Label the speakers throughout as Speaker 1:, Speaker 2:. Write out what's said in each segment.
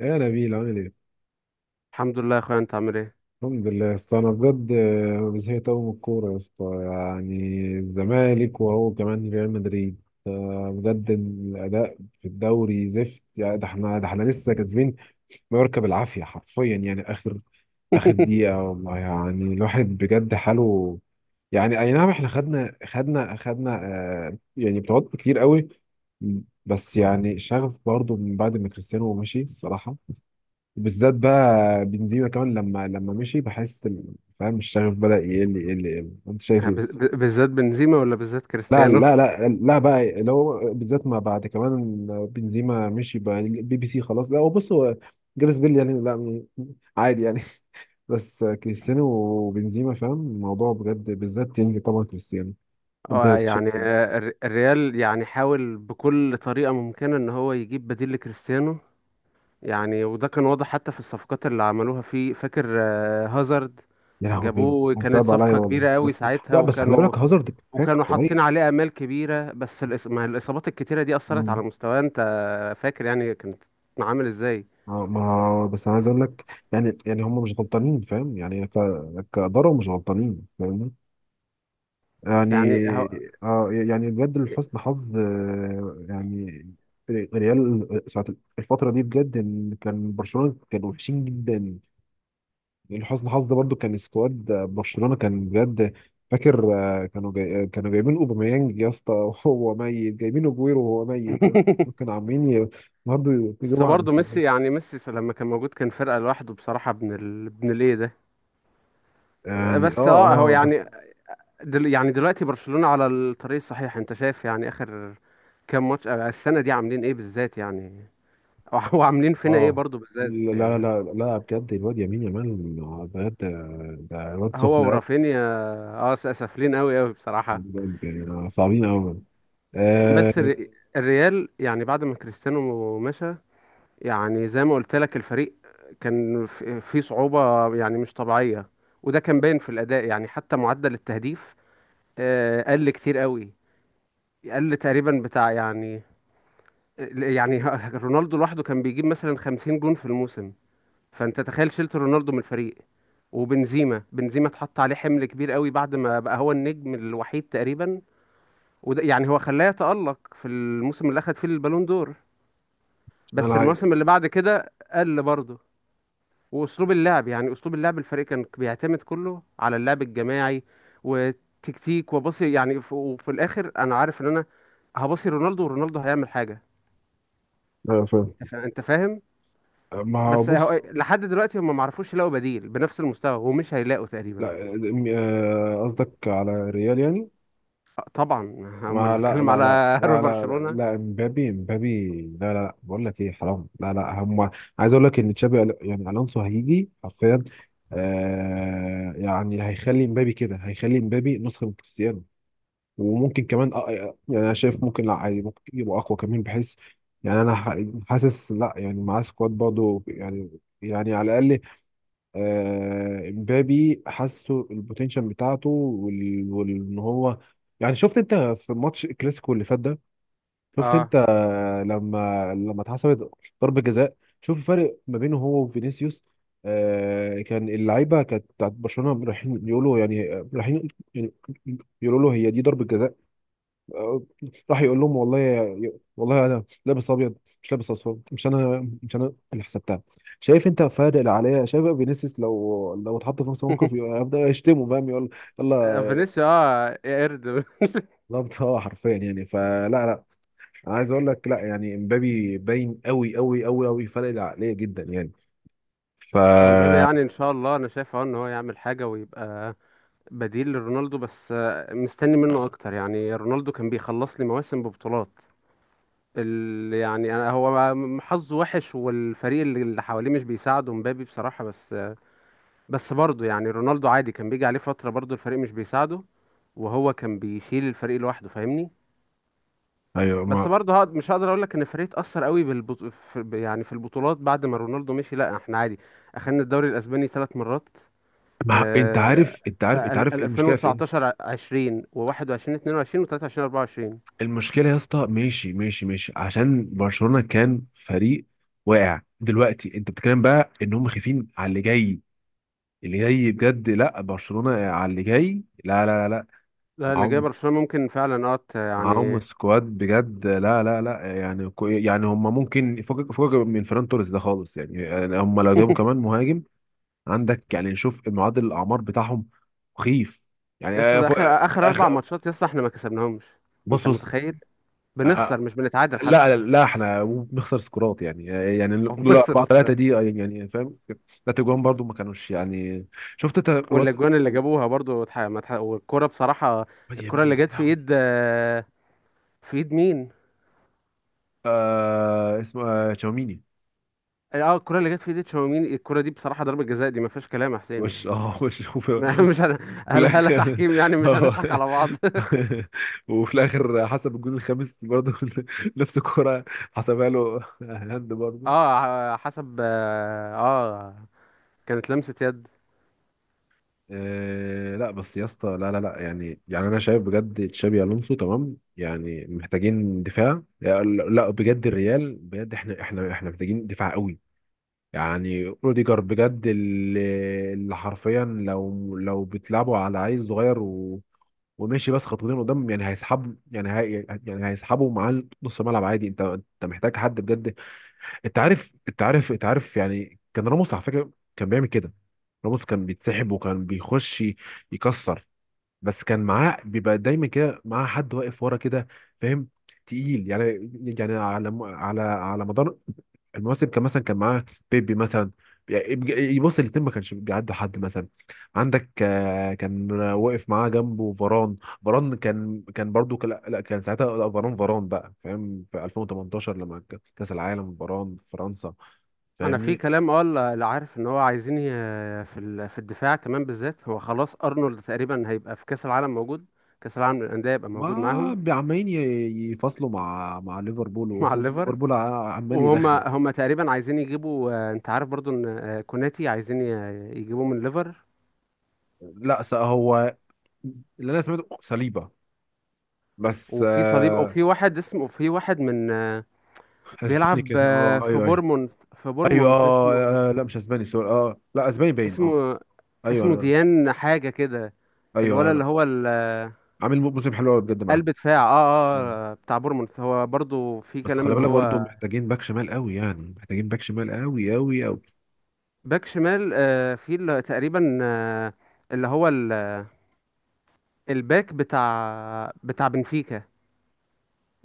Speaker 1: يا نبيل، عامل ايه؟
Speaker 2: الحمد لله يا اخويا، انت عامل ايه؟
Speaker 1: الحمد لله، بس انا بجد زهقت قوي من الكوره يا اسطى. يعني الزمالك، وهو كمان ريال مدريد. بجد الاداء في الدوري زفت. يعني ده احنا لسه كاسبين مايوركا بالعافيه، حرفيا يعني اخر دقيقه، والله يعني الواحد بجد حاله. يعني اي نعم، احنا خدنا خدنا خدنا، آه يعني بطولات كتير قوي. بس يعني شغف برضو من بعد ما كريستيانو مشي، الصراحه بالذات بقى بنزيما كمان لما مشي، بحس فاهم، الشغف بدأ يقل يقل يقل. انت شايف ايه؟
Speaker 2: بالذات بنزيما ولا بالذات
Speaker 1: لا
Speaker 2: كريستيانو؟
Speaker 1: لا لا لا بقى لو بالذات، ما بعد كمان بنزيما مشي بقى، البي بي سي خلاص. لا هو بص، هو جاريث بيل يعني لا، عادي يعني. بس كريستيانو وبنزيما، فاهم الموضوع بجد، بالذات يعني طبعا كريستيانو. انت شايف إيه؟
Speaker 2: الريال يعني حاول بكل طريقة ممكنة ان هو يجيب بديل لكريستيانو. يعني وده كان واضح حتى في الصفقات اللي عملوها، في فاكر هازارد؟
Speaker 1: يا لهوي بجد،
Speaker 2: جابوه، كانت
Speaker 1: صعب عليا
Speaker 2: صفقة
Speaker 1: والله.
Speaker 2: كبيرة قوي
Speaker 1: بس
Speaker 2: ساعتها،
Speaker 1: لا، بس خلي
Speaker 2: وكانوا
Speaker 1: بالك هازارد كفاك
Speaker 2: وكانوا حاطين
Speaker 1: كويس.
Speaker 2: عليه آمال كبيرة. بس الإص- ما الإصابات الكتيرة دي أثرت على مستواه. أنت فاكر يعني كانت عامل إزاي؟
Speaker 1: ما بس انا عايز اقول لك، يعني هم مش غلطانين، فاهم يعني، كاداره مش غلطانين فاهمني. يعني
Speaker 2: يعني هو
Speaker 1: آه يعني بجد لحسن حظ آه يعني ريال ساعة الفتره دي بجد، ان كان برشلونه كانوا وحشين جدا. يعني لحسن حظ برضو كان سكواد برشلونه كان بجد. فاكر آه، كانوا جاي، كانوا جايبين اوباميانج يا اسطى وهو ميت، جايبين اجويرو وهو ميت. كانوا عاملين برضو
Speaker 2: بس
Speaker 1: يجيبوا
Speaker 2: برضه
Speaker 1: عبثيات.
Speaker 2: ميسي، يعني ميسي لما كان موجود كان فرقة لوحده بصراحة، ابن ابن الايه ده.
Speaker 1: يعني
Speaker 2: بس
Speaker 1: اه
Speaker 2: هو
Speaker 1: اه
Speaker 2: يعني
Speaker 1: بس
Speaker 2: يعني دلوقتي برشلونة على الطريق الصحيح. انت شايف يعني اخر كام ماتش السنة دي عاملين ايه بالذات يعني؟ وعاملين فينا ايه
Speaker 1: اه.
Speaker 2: برضه بالذات
Speaker 1: لا
Speaker 2: يعني؟
Speaker 1: لا لا لا بجد، الواد يمين يامال بجد، ده الواد سخن
Speaker 2: هو
Speaker 1: قوي،
Speaker 2: ورافينيا سافلين قوي قوي بصراحة.
Speaker 1: بجد يعني صعبين قوي. آه،
Speaker 2: بس الريال يعني بعد ما كريستيانو مشى، يعني زي ما قلت لك، الفريق كان في صعوبة يعني مش طبيعية. وده كان باين في الأداء، يعني حتى معدل التهديف قل كتير قوي، قل تقريبا بتاع يعني، يعني رونالدو لوحده كان بيجيب مثلا 50 جون في الموسم. فانت تخيل شلت رونالدو من الفريق، وبنزيما اتحط عليه حمل كبير قوي بعد ما بقى هو النجم الوحيد تقريبا. وده يعني هو خلاه يتألق في الموسم اللي اخد فيه البالون دور.
Speaker 1: انا
Speaker 2: بس
Speaker 1: عايز
Speaker 2: الموسم اللي بعد كده قل برضه. واسلوب اللعب، يعني اسلوب اللعب الفريق كان بيعتمد كله على اللعب الجماعي وتكتيك، وبصي يعني وفي الاخر انا عارف ان انا هبصي رونالدو، ورونالدو هيعمل حاجه.
Speaker 1: فاهم.
Speaker 2: انت فاهم.
Speaker 1: ما هو
Speaker 2: بس
Speaker 1: بص،
Speaker 2: لحد دلوقتي هم ما عرفوش يلاقوا بديل بنفس المستوى، ومش هيلاقوا تقريبا.
Speaker 1: لا. قصدك على ريال يعني.
Speaker 2: طبعا هم
Speaker 1: ما
Speaker 2: اللي
Speaker 1: لا
Speaker 2: بتكلم
Speaker 1: لا لا
Speaker 2: على
Speaker 1: لا، لا لا لا
Speaker 2: برشلونه.
Speaker 1: امبابي امبابي. لا لا لا، بقول لك ايه، حرام لا لا. هم عايز اقول لك ان تشابي يعني الونسو هيجي حرفيا، آه يعني هيخلي امبابي كده، هيخلي امبابي نسخه من كريستيانو، وممكن كمان يعني انا شايف ممكن، لا عادي ممكن يبقى اقوى كمان بحيث يعني انا حاسس، لا يعني معاه سكواد برضه يعني، يعني على الاقل. امبابي حاسه البوتنشال بتاعته، ان هو يعني، شفت انت في ماتش الكلاسيكو اللي فات ده، شفت
Speaker 2: اه
Speaker 1: انت لما اتحسبت ضربة جزاء. شوف الفرق ما بينه هو وفينيسيوس. كان اللعيبه كانت بتاعت برشلونه رايحين يقولوا، يعني رايحين يعني يقولوا له هي دي ضربة جزاء. آه، راح يقول لهم والله والله انا لابس ابيض، مش لابس اصفر، مش انا مش انا اللي حسبتها. شايف انت فارق اللي عليا؟ شايف بقى فينيسيوس لو اتحط في نفس الموقف هيبدا يشتمه، فاهم، يقول يلا.
Speaker 2: فينيسيا اه قرد.
Speaker 1: بالظبط اه، حرفيا يعني، فلا لا، انا عايز اقول لك لا، يعني امبابي باين قوي قوي قوي قوي، فارق اللي عليا جدا يعني، ف
Speaker 2: امبابي يعني ان شاء الله انا شايف اه ان هو يعمل حاجه ويبقى بديل لرونالدو. بس مستني منه اه اكتر. يعني رونالدو كان بيخلص لي مواسم ببطولات. يعني أنا هو حظه وحش، والفريق اللي حواليه مش بيساعده مبابي بصراحة. بس برضه يعني رونالدو عادي كان بيجي عليه فترة برضه الفريق مش بيساعده، وهو كان بيشيل الفريق لوحده، فاهمني؟
Speaker 1: ايوه.
Speaker 2: بس
Speaker 1: ما
Speaker 2: برضه مش هقدر اقول لك ان الفريق اتأثر قوي يعني في البطولات بعد ما رونالدو مشي. لا احنا عادي، اخدنا الدوري الاسباني ثلاث مرات،
Speaker 1: ما انت
Speaker 2: آه،
Speaker 1: عارف انت
Speaker 2: ف
Speaker 1: عارف انت عارف ايه المشكله في إيه؟
Speaker 2: 2019 20 و21 22 و23 24.
Speaker 1: المشكله يا اسطى، ماشي ماشي ماشي عشان برشلونه كان فريق واقع. دلوقتي انت بتتكلم بقى ان هم خايفين على اللي جاي، اللي جاي بجد، لا برشلونه على اللي جاي لا لا لا لا،
Speaker 2: لا اللي جاي
Speaker 1: معاهم،
Speaker 2: برشلونة ممكن فعلا اه
Speaker 1: معاهم
Speaker 2: يعني
Speaker 1: سكواد بجد، لا لا لا. يعني يعني هم ممكن فوق فوق من فران توريس ده خالص. يعني هم لو جابوا كمان مهاجم عندك، يعني شوف معدل الاعمار بتاعهم، مخيف يعني
Speaker 2: يسطا ده
Speaker 1: فوق
Speaker 2: اخر
Speaker 1: آه،
Speaker 2: اخر اربع
Speaker 1: آخر.
Speaker 2: ماتشات يسطا احنا ما كسبناهمش. انت
Speaker 1: بص بص،
Speaker 2: متخيل؟
Speaker 1: آه،
Speaker 2: بنخسر،
Speaker 1: آه،
Speaker 2: مش بنتعادل حتى.
Speaker 1: لا لا احنا بنخسر سكورات يعني. يعني
Speaker 2: او
Speaker 1: لولا
Speaker 2: بنخسر
Speaker 1: 4 3
Speaker 2: سكراب.
Speaker 1: دي يعني فاهم، لا تجوان برضو ما كانوش يعني. شفت انت الواد،
Speaker 2: والاجوان اللي
Speaker 1: واد
Speaker 2: جابوها برضو اتح- ما اتح- والكرة بصراحة، الكرة اللي
Speaker 1: يمين، يا
Speaker 2: جت في
Speaker 1: لهوي.
Speaker 2: ايد في ايد مين؟
Speaker 1: اسمه تشاوميني.
Speaker 2: اه الكرة اللي جت في ايد تشاوميني، الكرة دي بصراحة ضربة جزاء، دي ما فيهاش كلام يا حسين
Speaker 1: وش
Speaker 2: يعني
Speaker 1: اه وش، وفي
Speaker 2: ما- مش هن...
Speaker 1: وفي
Speaker 2: هل
Speaker 1: الاخر
Speaker 2: تحكيم يعني؟ مش هنضحك
Speaker 1: اه،
Speaker 2: على بعض.
Speaker 1: وفي الاخر حسب الجون الخامس برضه، نفس الكرة حسبها له هاند برضه.
Speaker 2: اه حسب اه كانت لمسة يد.
Speaker 1: إيه، لا بس يا اسطى لا لا لا، يعني انا شايف بجد تشابي الونسو تمام، يعني محتاجين دفاع. لا لا، بجد الريال بجد، احنا احنا احنا محتاجين دفاع قوي. يعني روديجر بجد، اللي حرفيا، لو بتلعبوا على عيل صغير و وماشي بس خطوتين قدام، يعني هيسحب، يعني هي يعني هيسحبوا معاه نص ملعب عادي. انت محتاج حد بجد. انت عارف انت عارف انت عارف، يعني كان راموس على فكره كان بيعمل كده. راموس كان بيتسحب وكان بيخش يكسر، بس كان معاه، بيبقى دايما كده معاه حد واقف ورا كده، فاهم، تقيل يعني. يعني على على مدار المواسم، كان مثلا كان معاه بيبي مثلا، يعني يبص الاتنين ما كانش بيعدوا حد، مثلا عندك كان واقف معاه جنبه فاران. فاران كان برضو كان، لا لا، كان ساعتها لا، فاران فاران بقى فاهم في 2018 لما كأس العالم فاران في فرنسا،
Speaker 2: انا في
Speaker 1: فاهمني.
Speaker 2: كلام اه اللي عارف ان هو عايزين في في الدفاع كمان، بالذات هو خلاص ارنولد تقريبا هيبقى في كاس العالم موجود. كاس العالم للانديه هيبقى
Speaker 1: ما
Speaker 2: موجود معاهم
Speaker 1: عمالين يفصلوا مع ليفربول،
Speaker 2: مع الليفر.
Speaker 1: وليفربول عمال
Speaker 2: وهم
Speaker 1: يرخم.
Speaker 2: هم تقريبا عايزين يجيبوا انت عارف برضو ان كوناتي عايزين يجيبوه من الليفر.
Speaker 1: لا هو اللي انا سمعته صليبه، بس
Speaker 2: وفي صليب،
Speaker 1: آه.
Speaker 2: وفي واحد اسمه، في واحد من
Speaker 1: اسباني
Speaker 2: بيلعب
Speaker 1: كده، اه
Speaker 2: في
Speaker 1: ايوه ايوه،
Speaker 2: بورمونث، في
Speaker 1: ايوه
Speaker 2: بورمونث اسمه،
Speaker 1: اه لا مش اسباني، سوري، اه لا اسباني باين، اه.
Speaker 2: اسمه
Speaker 1: ايوه
Speaker 2: اسمه
Speaker 1: انا،
Speaker 2: ديان حاجة كده، الولد
Speaker 1: ايوه انا.
Speaker 2: اللي هو
Speaker 1: عامل موسم حلو قوي بجد معاه
Speaker 2: قلب دفاع
Speaker 1: يعني.
Speaker 2: اه. اه بتاع بورموث هو برضو في
Speaker 1: بس
Speaker 2: كلام
Speaker 1: خلي
Speaker 2: ان
Speaker 1: بالك برضه
Speaker 2: هو
Speaker 1: محتاجين باك شمال قوي، يعني محتاجين باك شمال قوي قوي قوي.
Speaker 2: باك شمال. في اللي تقريبا اللي هو الباك بتاع بنفيكا،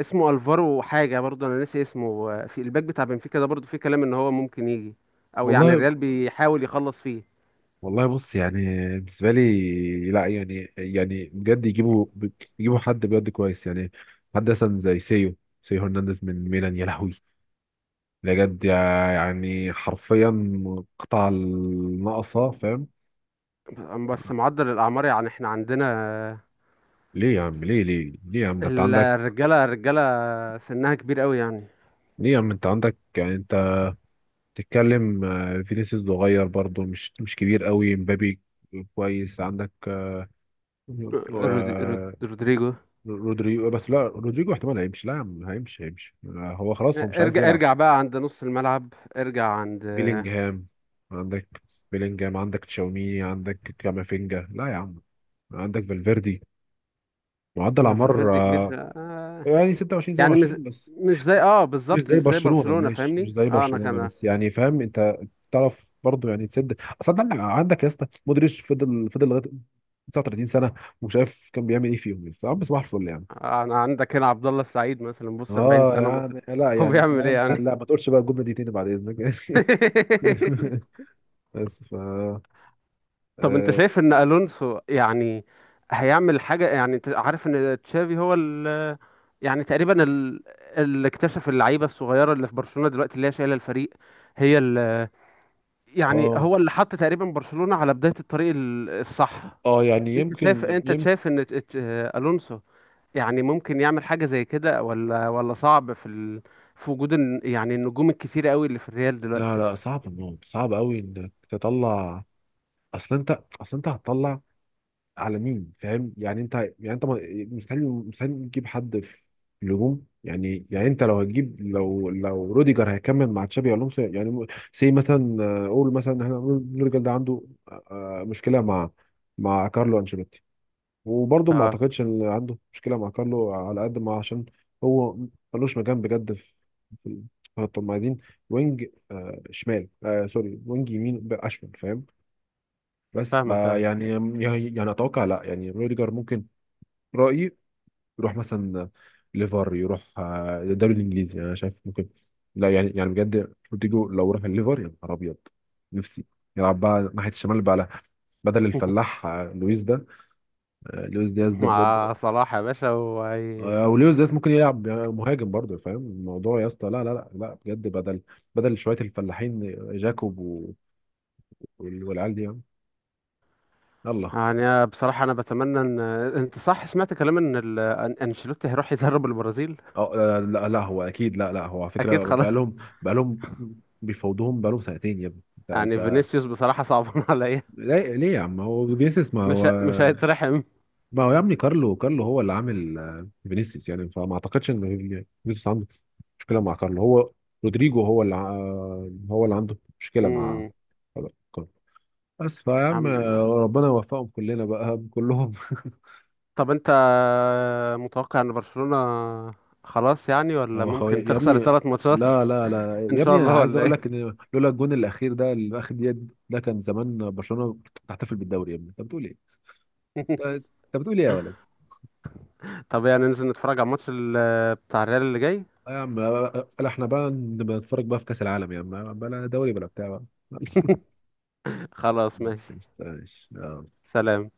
Speaker 2: اسمه الفارو حاجة، برضو انا ناسي اسمه. في الباك بتاع بنفيكا ده برضو في كلام ان هو ممكن يجي، او يعني
Speaker 1: والله
Speaker 2: الريال بيحاول يخلص فيه.
Speaker 1: والله بص، يعني بالنسبه لي، لا يعني بجد يجيبوا، يجيبوا حد بجد كويس يعني، حد مثلا زي سيو، سيو هرنانديز من ميلان، يا لهوي بجد. يعني حرفيا قطع الناقصة، فاهم.
Speaker 2: بس معدل الاعمار يعني احنا عندنا آه،
Speaker 1: ليه يا عم؟ ليه ليه ليه يا عم، ده انت عندك.
Speaker 2: الرجالة سنها كبير قوي يعني.
Speaker 1: ليه يا عم، انت عندك، يعني انت بتتكلم فينيسيوس صغير برضه، مش كبير قوي، مبابي كويس، عندك
Speaker 2: رودريجو.
Speaker 1: رودريجو. بس لا، رودريجو احتمال هيمشي. لا يا عم، هيمشي هيمشي هو خلاص هو مش عايز
Speaker 2: ارجع
Speaker 1: يلعب.
Speaker 2: ارجع بقى عند نص الملعب، ارجع عند
Speaker 1: بيلينجهام عندك، بيلينجهام عندك، تشاوميني عندك، كامافينجا. لا يا عم، عندك فالفيردي. معدل
Speaker 2: ما
Speaker 1: اعمار
Speaker 2: فالفيردي كبير ف... آه،
Speaker 1: يعني 26
Speaker 2: يعني مش
Speaker 1: 27 بس،
Speaker 2: مش زي اه
Speaker 1: مش
Speaker 2: بالظبط
Speaker 1: زي
Speaker 2: مش زي
Speaker 1: برشلونة،
Speaker 2: برشلونة،
Speaker 1: ماشي مش
Speaker 2: فاهمني؟
Speaker 1: زي
Speaker 2: اه انا
Speaker 1: برشلونة.
Speaker 2: كان،
Speaker 1: بس يعني فاهم انت، تعرف برضو يعني تسد. اصل انت عندك يا اسطى مودريتش فضل لغاية 39 سنة، وشايف كان بيعمل ايه فيهم لسه يا عم، صباح الفل يعني.
Speaker 2: انا عندك هنا عبد الله السعيد مثلا، بص 40
Speaker 1: اه
Speaker 2: سنة
Speaker 1: يعني، لا
Speaker 2: هو
Speaker 1: يعني
Speaker 2: بيعمل ايه
Speaker 1: فاهم، لا
Speaker 2: يعني؟
Speaker 1: ما تقولش بقى الجملة دي تاني بعد اذنك. بس ف
Speaker 2: طب انت
Speaker 1: اه،
Speaker 2: شايف ان الونسو يعني هيعمل حاجة؟ يعني انت عارف ان تشافي هو ال، يعني تقريبا اللي اكتشف اللعيبة الصغيرة اللي في برشلونة دلوقتي اللي هي شايلة الفريق، هي يعني
Speaker 1: اه
Speaker 2: هو اللي حط تقريبا برشلونة على بداية الطريق الصح.
Speaker 1: يعني يمكن
Speaker 2: انت
Speaker 1: يمكن
Speaker 2: شايف ان الونسو يعني ممكن يعمل حاجة زي كده، ولا صعب في في وجود يعني النجوم الكتيرة قوي اللي في الريال دلوقتي؟
Speaker 1: لا لا صعب الموت، صعب قوي انك تطلع. اصل انت هتطلع على مين؟ فاهم يعني، انت مستحيل مستحيل تجيب حد في الهجوم. يعني انت لو هتجيب، لو روديجر هيكمل مع تشابي الونسو، يعني سي مثلا. قول مثلا احنا نقول روديجر ده عنده آه، مشكله مع، مع كارلو انشيلوتي. وبرضه ما
Speaker 2: اه
Speaker 1: اعتقدش ان عنده مشكله مع كارلو، على قد ما عشان هو ملوش مكان بجد في، في الخط. هم عايزين وينج شمال، آه سوري، وينج يمين اشمل، فاهم. بس
Speaker 2: فاهمك
Speaker 1: فا
Speaker 2: اه
Speaker 1: يعني، يعني اتوقع لا يعني روديجر ممكن، رأيي، يروح مثلا ليفر، يروح الدوري الانجليزي، انا شايف ممكن. لا يعني بجد روديجو لو راح الليفر، يا نهار ابيض، نفسي يلعب بقى ناحية الشمال بقى، لا. بدل الفلاح لويس ده، لويس دياز ده بجد،
Speaker 2: مع صلاح يا باشا وهي.
Speaker 1: او لويس دياز ممكن يلعب يعني مهاجم برضه، فاهم الموضوع يا اسطى. لا لا لا لا بجد، بدل، بدل شوية الفلاحين جاكوب والعيال دي يعني، يلا.
Speaker 2: يعني أنا بصراحة أنا بتمنى إن أنت صح، سمعت كلام إن أنشيلوتي هيروح يدرب البرازيل؟
Speaker 1: اه لا، لا لا هو اكيد، لا لا هو على
Speaker 2: أكيد
Speaker 1: فكره
Speaker 2: خلاص.
Speaker 1: بقالهم، بقالهم بيفاوضوهم بقالهم سنتين يا ابني، انت
Speaker 2: يعني
Speaker 1: انت
Speaker 2: فينيسيوس بصراحة صعبان عليا.
Speaker 1: ليه ليه يا عم، هو فينيسيوس؟ ما هو،
Speaker 2: مش هيترحم.
Speaker 1: ما هو يا ابني، كارلو كارلو هو اللي عامل فينيسيوس يعني، فما اعتقدش ان فينيسيوس عنده مشكله مع كارلو، هو رودريجو هو اللي هو اللي عنده مشكله مع
Speaker 2: امم
Speaker 1: كارلو. بس فيا عم
Speaker 2: عم،
Speaker 1: ربنا يوفقهم كلنا بقى كلهم.
Speaker 2: طب انت متوقع ان برشلونة خلاص يعني، ولا ممكن
Speaker 1: يا
Speaker 2: تخسر
Speaker 1: ابني،
Speaker 2: ثلاث ماتشات؟
Speaker 1: لا لا لا
Speaker 2: ان
Speaker 1: يا
Speaker 2: شاء
Speaker 1: ابني انا
Speaker 2: الله
Speaker 1: عايز
Speaker 2: ولا
Speaker 1: اقول
Speaker 2: ايه؟
Speaker 1: لك ان لولا الجون الاخير ده اللي في اخر دقيقه، ده كان زمان برشلونه تحتفل بالدوري، يا ابني انت بتقول ايه. انت أنت بتقول ايه يا ولد؟
Speaker 2: طب يعني ننزل نتفرج على الماتش بتاع الريال اللي جاي؟
Speaker 1: آه يا عم، بلا، احنا بقى نبقى نتفرج بقى في كاس العالم يا عم، بلا دوري بلا بتاع بقى. معلش،
Speaker 2: خلاص
Speaker 1: ما
Speaker 2: ماشي.
Speaker 1: يستاهلش.
Speaker 2: سلام.